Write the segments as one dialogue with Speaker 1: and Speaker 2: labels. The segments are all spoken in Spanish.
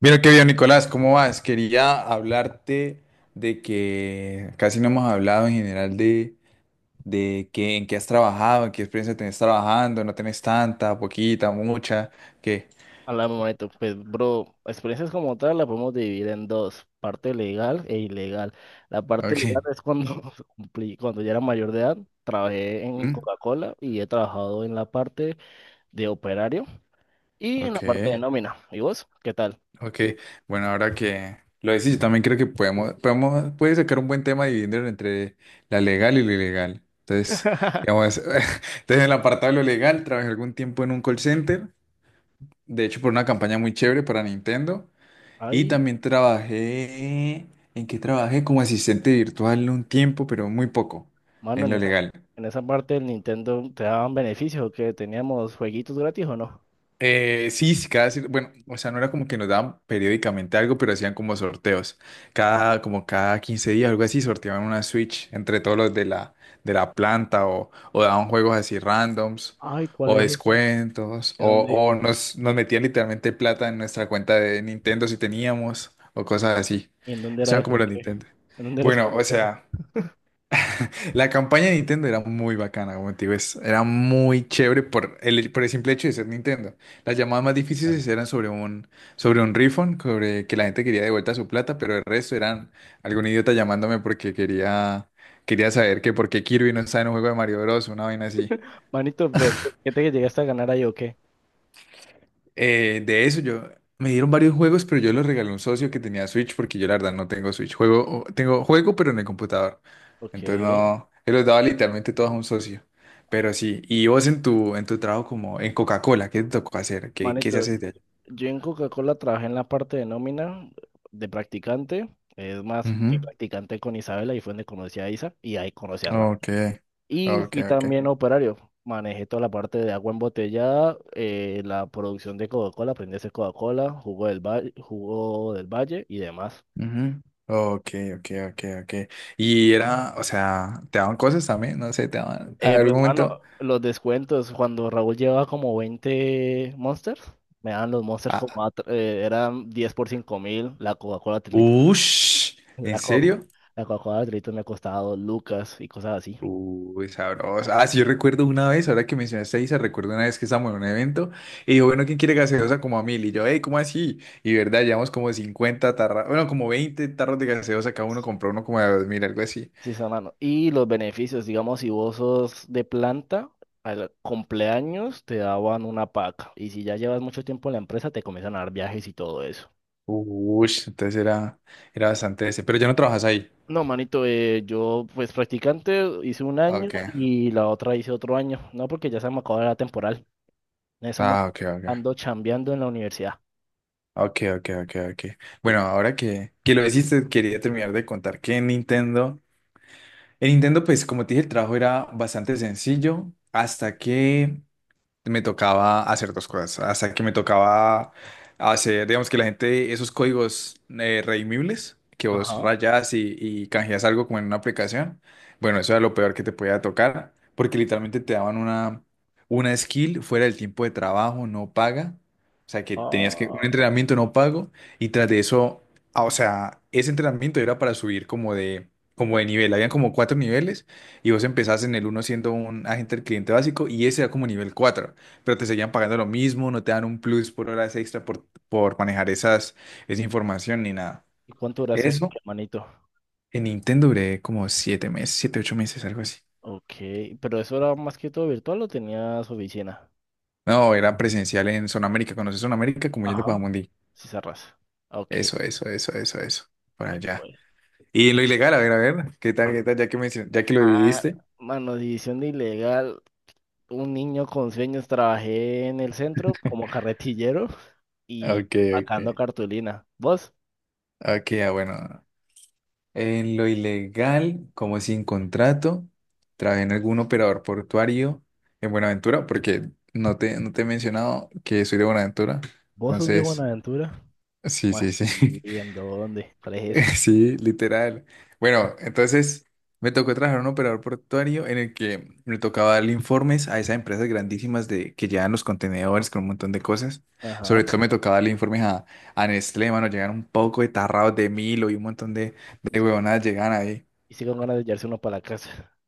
Speaker 1: Mira qué bien, Nicolás, ¿cómo vas? Quería hablarte de que casi no hemos hablado en general de qué, en qué has trabajado, en qué experiencia tenés trabajando, no tenés tanta, poquita, mucha, qué.
Speaker 2: Hablamos, manito. Pues, bro, experiencias como tal la podemos dividir en dos, parte legal e ilegal. La parte
Speaker 1: Ok.
Speaker 2: legal es cuando cumplí, cuando ya era mayor de edad, trabajé en
Speaker 1: ¿Mm?
Speaker 2: Coca-Cola y he trabajado en la parte de operario y en la
Speaker 1: Ok,
Speaker 2: parte de nómina. ¿Y vos? ¿Qué tal?
Speaker 1: ok. Bueno, ahora que lo decís, yo también creo que puedes sacar un buen tema dividiéndolo entre la legal y lo ilegal. Entonces, digamos, en el apartado de lo legal, trabajé algún tiempo en un call center, de hecho por una campaña muy chévere para Nintendo. Y
Speaker 2: Ahí,
Speaker 1: también trabajé, ¿en qué trabajé? Como asistente virtual un tiempo, pero muy poco,
Speaker 2: mano,
Speaker 1: en
Speaker 2: en
Speaker 1: lo
Speaker 2: esa,
Speaker 1: legal.
Speaker 2: en esa parte del Nintendo te daban beneficios que teníamos jueguitos gratis o no.
Speaker 1: Sí, sí, bueno, o sea, no era como que nos daban periódicamente algo, pero hacían como sorteos. Como cada 15 días, algo así, sorteaban una Switch entre todos los de la, planta o daban juegos así randoms
Speaker 2: Ay, ¿cuál
Speaker 1: o
Speaker 2: es esa?
Speaker 1: descuentos
Speaker 2: ¿En
Speaker 1: o,
Speaker 2: dónde,
Speaker 1: o nos metían literalmente plata en nuestra cuenta de Nintendo si teníamos o cosas así.
Speaker 2: en dónde
Speaker 1: Eso
Speaker 2: era
Speaker 1: eran
Speaker 2: eso?
Speaker 1: como los
Speaker 2: ¿Qué?
Speaker 1: Nintendo.
Speaker 2: ¿En dónde eres para
Speaker 1: Bueno, o
Speaker 2: meterme?
Speaker 1: sea. La campaña de Nintendo era muy bacana, como te digo, era muy chévere por el, simple hecho de ser Nintendo. Las llamadas más
Speaker 2: Claro.
Speaker 1: difíciles eran sobre un refund, sobre que la gente quería de vuelta su plata, pero el resto eran algún idiota llamándome porque quería saber que por qué Kirby no está en un juego de Mario Bros, una vaina así.
Speaker 2: Manito, pero ¿qué te llegaste a ganar ahí o qué?
Speaker 1: De eso yo me dieron varios juegos, pero yo los regalé a un socio que tenía Switch porque yo la verdad no tengo Switch. Tengo juego, pero en el computador.
Speaker 2: Ok.
Speaker 1: Entonces no, él los daba literalmente todos a un socio. Pero sí, y vos en tu trabajo como en Coca-Cola, ¿qué te tocó hacer? ¿Qué se
Speaker 2: Manito,
Speaker 1: hace de allá?
Speaker 2: yo en Coca-Cola trabajé en la parte de nómina de practicante. Es más, fui
Speaker 1: Ujú.
Speaker 2: practicante con Isabela y fue donde conocí a Isa y ahí conocí a Raúl.
Speaker 1: Ok,
Speaker 2: Y
Speaker 1: ok,
Speaker 2: fui
Speaker 1: ok.
Speaker 2: también operario. Manejé toda la parte de agua embotellada, la producción de Coca-Cola, aprendí a hacer Coca-Cola, jugo del valle y demás.
Speaker 1: Ujú. Ok, ok, ok, ok. Y era, o sea, te daban cosas también, no sé, te daban. A ver, un
Speaker 2: Pues, mano,
Speaker 1: momento.
Speaker 2: los descuentos, cuando Raúl llevaba como 20 Monsters, me daban los Monsters
Speaker 1: Ah,
Speaker 2: eran 10 por 5.000, la Coca-Cola 3.
Speaker 1: ush, ¿en
Speaker 2: La co-
Speaker 1: serio?
Speaker 2: la Coca-Cola de litro me ha costado lucas y cosas así.
Speaker 1: Uy, sabroso. Ah, sí, yo recuerdo una vez, ahora que mencionaste a Isa, recuerdo una vez que estábamos en un evento y dijo, bueno, ¿quién quiere gaseosa como a 1000? Y yo, hey, ¿cómo así? Y verdad, llevamos como 50 tarras, bueno, como 20 tarros de gaseosa, cada uno compró uno como de 2000, algo así.
Speaker 2: Sí, sí, hermano. Y los beneficios, digamos, si vos sos de planta, al cumpleaños te daban una paca. Y si ya llevas mucho tiempo en la empresa, te comienzan a dar viajes y todo eso.
Speaker 1: Uy, entonces era bastante ese. Pero ya no trabajas ahí.
Speaker 2: No, manito, yo pues practicante hice un año
Speaker 1: Ok.
Speaker 2: y la otra hice otro año. No, porque ya se me acabó la temporal. En eso me-
Speaker 1: Ah, ok, ok.
Speaker 2: Ando chambeando en la universidad.
Speaker 1: Ok, ok, ok, ok.
Speaker 2: Y-
Speaker 1: Bueno, ahora que lo hiciste, quería terminar de contar que en Nintendo, pues como te dije, el trabajo era bastante sencillo hasta que me tocaba hacer dos cosas. Hasta que me tocaba hacer, digamos que la gente, esos códigos redimibles que vos
Speaker 2: Ajá.
Speaker 1: rayas y canjeas algo como en una aplicación. Bueno, eso era lo peor que te podía tocar, porque literalmente te daban una skill fuera del tiempo de trabajo, no paga. O sea, que tenías que un
Speaker 2: Ah,
Speaker 1: entrenamiento no pago y tras de eso, o sea, ese entrenamiento era para subir como de, nivel. Habían como 4 niveles y vos empezás en el uno siendo un agente del cliente básico y ese era como nivel 4, pero te seguían pagando lo mismo, no te dan un plus por horas extra por, manejar esa información ni nada.
Speaker 2: ¿y cuánto duraste,
Speaker 1: Eso
Speaker 2: manito?
Speaker 1: en Nintendo duré como 7 meses, 7, 8 meses, algo así.
Speaker 2: Ok, pero eso era más que todo virtual o tenías oficina.
Speaker 1: No, era presencial en Zona América. ¿Conoces Zona América? Como yendo para
Speaker 2: Ajá,
Speaker 1: Mundi.
Speaker 2: si cerras. Ok,
Speaker 1: Eso, eso, eso, eso, eso. Para
Speaker 2: ve
Speaker 1: allá.
Speaker 2: pues.
Speaker 1: Y en lo ilegal, a ver, ¿qué tal, qué tal? Ya que lo
Speaker 2: Ah,
Speaker 1: dividiste.
Speaker 2: mano, división de ilegal, un niño con sueños, trabajé en el centro como carretillero y
Speaker 1: Ok,
Speaker 2: sacando
Speaker 1: ok.
Speaker 2: cartulina. ¿Vos?
Speaker 1: Ok, ah, bueno. En lo ilegal, como sin contrato, trabajé en algún operador portuario en Buenaventura, porque no te he mencionado que soy de Buenaventura.
Speaker 2: ¿Vos sos de
Speaker 1: Entonces,
Speaker 2: Buenaventura?
Speaker 1: sí,
Speaker 2: ¿Cómo
Speaker 1: sí,
Speaker 2: así?
Speaker 1: sí.
Speaker 2: ¿En dónde? ¿Cuál es esa?
Speaker 1: Sí, literal. Bueno, entonces me tocó trabajar en un operador portuario en el que me tocaba darle informes a esas empresas grandísimas que llevan los contenedores con un montón de cosas. Sobre
Speaker 2: Ajá.
Speaker 1: todo me tocaba darle informes a, Nestlé, mano, llegan un poco de tarrados de Milo y un montón de huevonadas llegan ahí.
Speaker 2: Y sí con ganas de llevarse uno para la casa.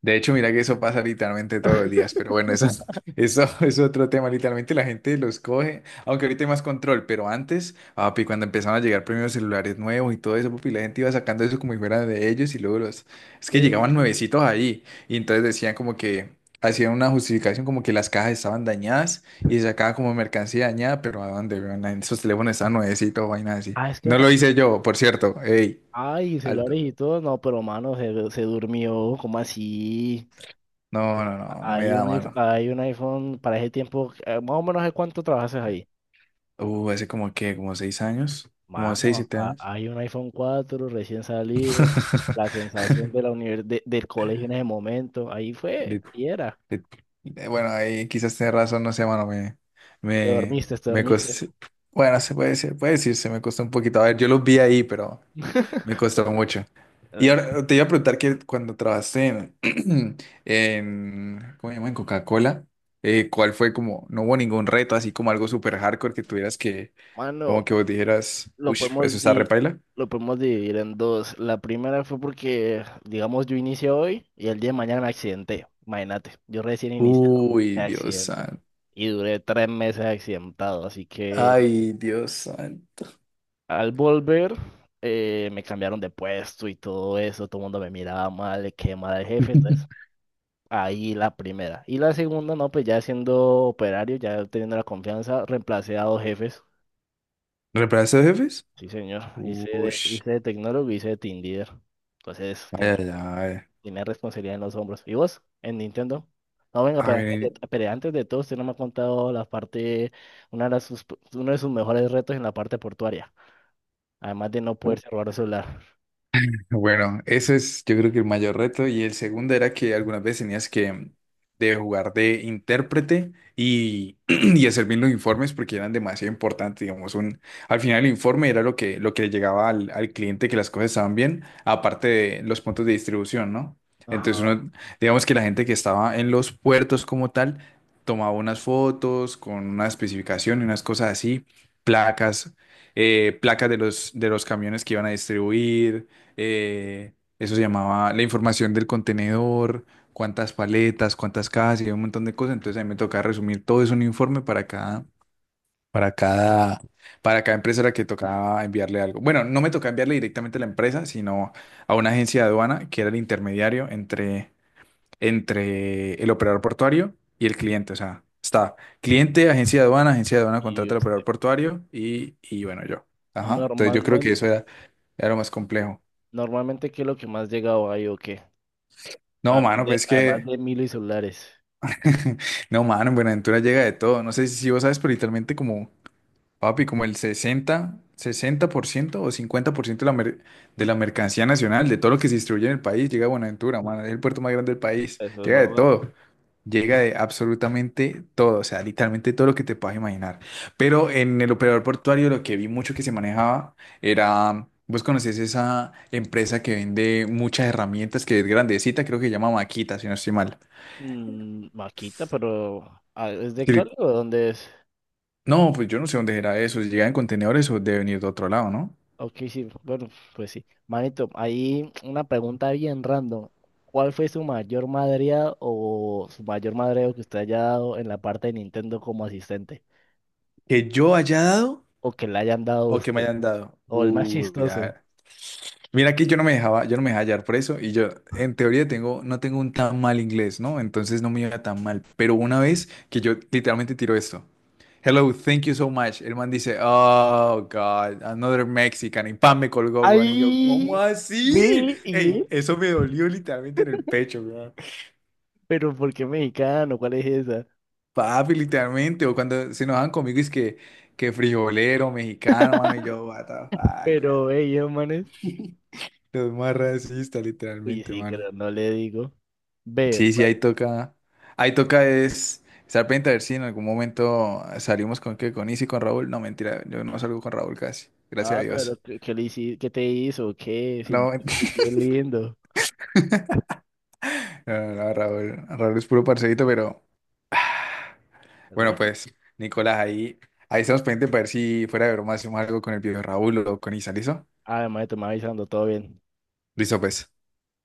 Speaker 1: De hecho, mira que eso pasa literalmente todos los días, pero bueno, eso es, eso es otro tema. Literalmente la gente los coge, aunque ahorita hay más control, pero antes, papi, cuando empezaron a llegar primeros celulares nuevos y todo eso, papi, la gente iba sacando eso como si fuera de ellos y luego los. Es que llegaban
Speaker 2: Ve.
Speaker 1: nuevecitos ahí y entonces decían como que hacían una justificación como que las cajas estaban dañadas y se sacaba como mercancía dañada, pero ¿a dónde, weón? Esos teléfonos estaban nuevecitos, vainas así.
Speaker 2: Ah, es que
Speaker 1: No lo
Speaker 2: también.
Speaker 1: hice yo, por cierto. Ey,
Speaker 2: Ay, celulares
Speaker 1: alto.
Speaker 2: y todo. No, pero mano, se durmió. ¿Cómo así?
Speaker 1: No, no, no, no me
Speaker 2: Hay
Speaker 1: da,
Speaker 2: un, iPh-
Speaker 1: mano.
Speaker 2: hay un iPhone para ese tiempo, más o menos ¿de cuánto trabajaste ahí?
Speaker 1: Hace como como 6 años, como seis,
Speaker 2: Mano,
Speaker 1: siete años.
Speaker 2: hay un iPhone 4 recién salido, la sensación de la univers- de- del colegio en ese momento, ahí fue,
Speaker 1: Lit-
Speaker 2: ahí era.
Speaker 1: lit- Bueno, ahí quizás tenés razón, no sé, mano,
Speaker 2: Te
Speaker 1: me,
Speaker 2: dormiste, te
Speaker 1: me
Speaker 2: dormiste.
Speaker 1: costó, bueno, puede decirse, me costó un poquito. A ver, yo los vi ahí, pero me costó mucho. Y
Speaker 2: Eh,
Speaker 1: ahora te iba a preguntar que cuando trabajaste en, en ¿cómo se llama? En Coca-Cola, ¿cuál fue como, no hubo ningún reto, así como algo súper hardcore que tuvieras que, como
Speaker 2: Mano,
Speaker 1: que vos dijeras,
Speaker 2: lo
Speaker 1: uff, eso
Speaker 2: podemos
Speaker 1: está
Speaker 2: di-
Speaker 1: repaila?
Speaker 2: lo podemos dividir en dos. La primera fue porque, digamos, yo inicié hoy y el día de mañana me accidenté. Imagínate, yo recién iniciado, me
Speaker 1: Uy, Dios
Speaker 2: accidenté.
Speaker 1: santo.
Speaker 2: Y duré 3 meses accidentado, así que
Speaker 1: Ay, Dios santo.
Speaker 2: al volver, me cambiaron de puesto y todo eso, todo el mundo me miraba mal, le quedé mal al jefe, entonces ahí la primera. Y la segunda, no, pues ya siendo operario, ya teniendo la confianza, reemplacé a dos jefes,
Speaker 1: ¿Reemplazo de jefes?
Speaker 2: sí señor, hice
Speaker 1: Uy,
Speaker 2: de, hice de tecnólogo y hice de team leader, entonces
Speaker 1: ay,
Speaker 2: tenía,
Speaker 1: ay, ay.
Speaker 2: tenía responsabilidad en los hombros. ¿Y vos, en Nintendo? No, venga,
Speaker 1: A
Speaker 2: pero antes
Speaker 1: ver,
Speaker 2: de, pero antes de todo, usted no me ha contado la parte, una de las sus- uno de sus mejores retos en la parte portuaria, además de no poderse robar un celular.
Speaker 1: bueno, ese es, yo creo que el mayor reto. Y el segundo era que algunas veces tenías que de jugar de intérprete y, y hacer bien los informes porque eran demasiado importantes, digamos, al final el informe era lo que, le llegaba al cliente que las cosas estaban bien, aparte de los puntos de distribución, ¿no? Entonces
Speaker 2: Ajá.
Speaker 1: uno, digamos que la gente que estaba en los puertos como tal, tomaba unas fotos con una especificación y unas cosas así, placas, placas de los camiones que iban a distribuir. Eso se llamaba la información del contenedor, cuántas paletas, cuántas cajas y un montón de cosas. Entonces a mí me tocaba resumir todo eso en un informe para cada, para cada, para cada empresa a la que tocaba enviarle algo. Bueno, no me tocaba enviarle directamente a la empresa, sino a una agencia de aduana que era el intermediario entre el operador portuario y el cliente. O sea, está cliente, agencia de aduana
Speaker 2: ¿Y
Speaker 1: contrata al
Speaker 2: usted?
Speaker 1: operador portuario y bueno, yo. Ajá. Entonces yo creo que
Speaker 2: Normalmente,
Speaker 1: eso era lo más complejo.
Speaker 2: normalmente, ¿qué es lo que más llegado hay o qué?
Speaker 1: No,
Speaker 2: Además
Speaker 1: mano,
Speaker 2: de,
Speaker 1: pues es
Speaker 2: además
Speaker 1: que
Speaker 2: de Milo y celulares.
Speaker 1: no, mano, en Buenaventura llega de todo. No sé si vos sabes, pero literalmente papi, como el sesenta por ciento o 50% de la, de la mercancía nacional, de todo lo que se distribuye en el país, llega a Buenaventura, mano. Es el puerto más grande del país.
Speaker 2: Eso es
Speaker 1: Llega de
Speaker 2: verdad.
Speaker 1: todo. Llega de absolutamente todo. O sea, literalmente todo lo que te puedas imaginar. Pero en el operador portuario lo que vi mucho que se manejaba era. Vos conocés esa empresa que vende muchas herramientas, que es grandecita, creo que se llama Maquita, si no estoy mal.
Speaker 2: Maquita, pero ah, ¿es de Cali o de dónde es?
Speaker 1: No, pues yo no sé dónde era eso, si llega en contenedores o debe venir de otro lado, ¿no?
Speaker 2: Ok, sí, bueno, pues sí. Manito, ahí una pregunta bien random. ¿Cuál fue su mayor madreada o su mayor madreo que usted haya dado en la parte de Nintendo como asistente?
Speaker 1: Que yo haya dado
Speaker 2: O que le hayan dado a
Speaker 1: o que
Speaker 2: usted.
Speaker 1: me hayan dado.
Speaker 2: O el más chistoso.
Speaker 1: Ya. Mira, aquí yo no me dejaba hallar por eso y yo en teoría tengo, no tengo un tan mal inglés, ¿no? Entonces no me iba tan mal. Pero una vez que yo literalmente tiro esto. Hello, thank you so much. El man dice, oh God, another Mexican. Y pan me colgó, weón. Y yo, ¿cómo
Speaker 2: Ahí.
Speaker 1: así?
Speaker 2: Ve, y
Speaker 1: Ey, eso me dolió literalmente en el pecho, weón.
Speaker 2: pero ¿por qué mexicano? ¿Cuál es esa?
Speaker 1: Papi, literalmente, o cuando se enojan conmigo es que, frijolero, mexicano, mano, y yo, what the fuck, weón.
Speaker 2: Pero ellos, manes.
Speaker 1: Los más racistas,
Speaker 2: Uy,
Speaker 1: literalmente,
Speaker 2: sí,
Speaker 1: mano.
Speaker 2: pero no le digo. Ve,
Speaker 1: Sí, sí,
Speaker 2: bueno,
Speaker 1: ahí toca es estar pendiente a ver si en algún momento salimos con qué con Isi, con Raúl. No, mentira, yo no salgo con Raúl casi, gracias a
Speaker 2: ah, pero
Speaker 1: Dios.
Speaker 2: qué te hizo? ¿Qué? Si,
Speaker 1: No,
Speaker 2: si
Speaker 1: mentira,
Speaker 2: fue lindo.
Speaker 1: no, no, no, Raúl es puro parcerito, pero
Speaker 2: Pero
Speaker 1: bueno,
Speaker 2: bueno,
Speaker 1: pues, Nicolás, ahí, estamos pendientes para ver si fuera de broma hacemos algo con el viejo Raúl o con Isa, ¿listo?
Speaker 2: además te me avisando, todo bien.
Speaker 1: Listo, pues.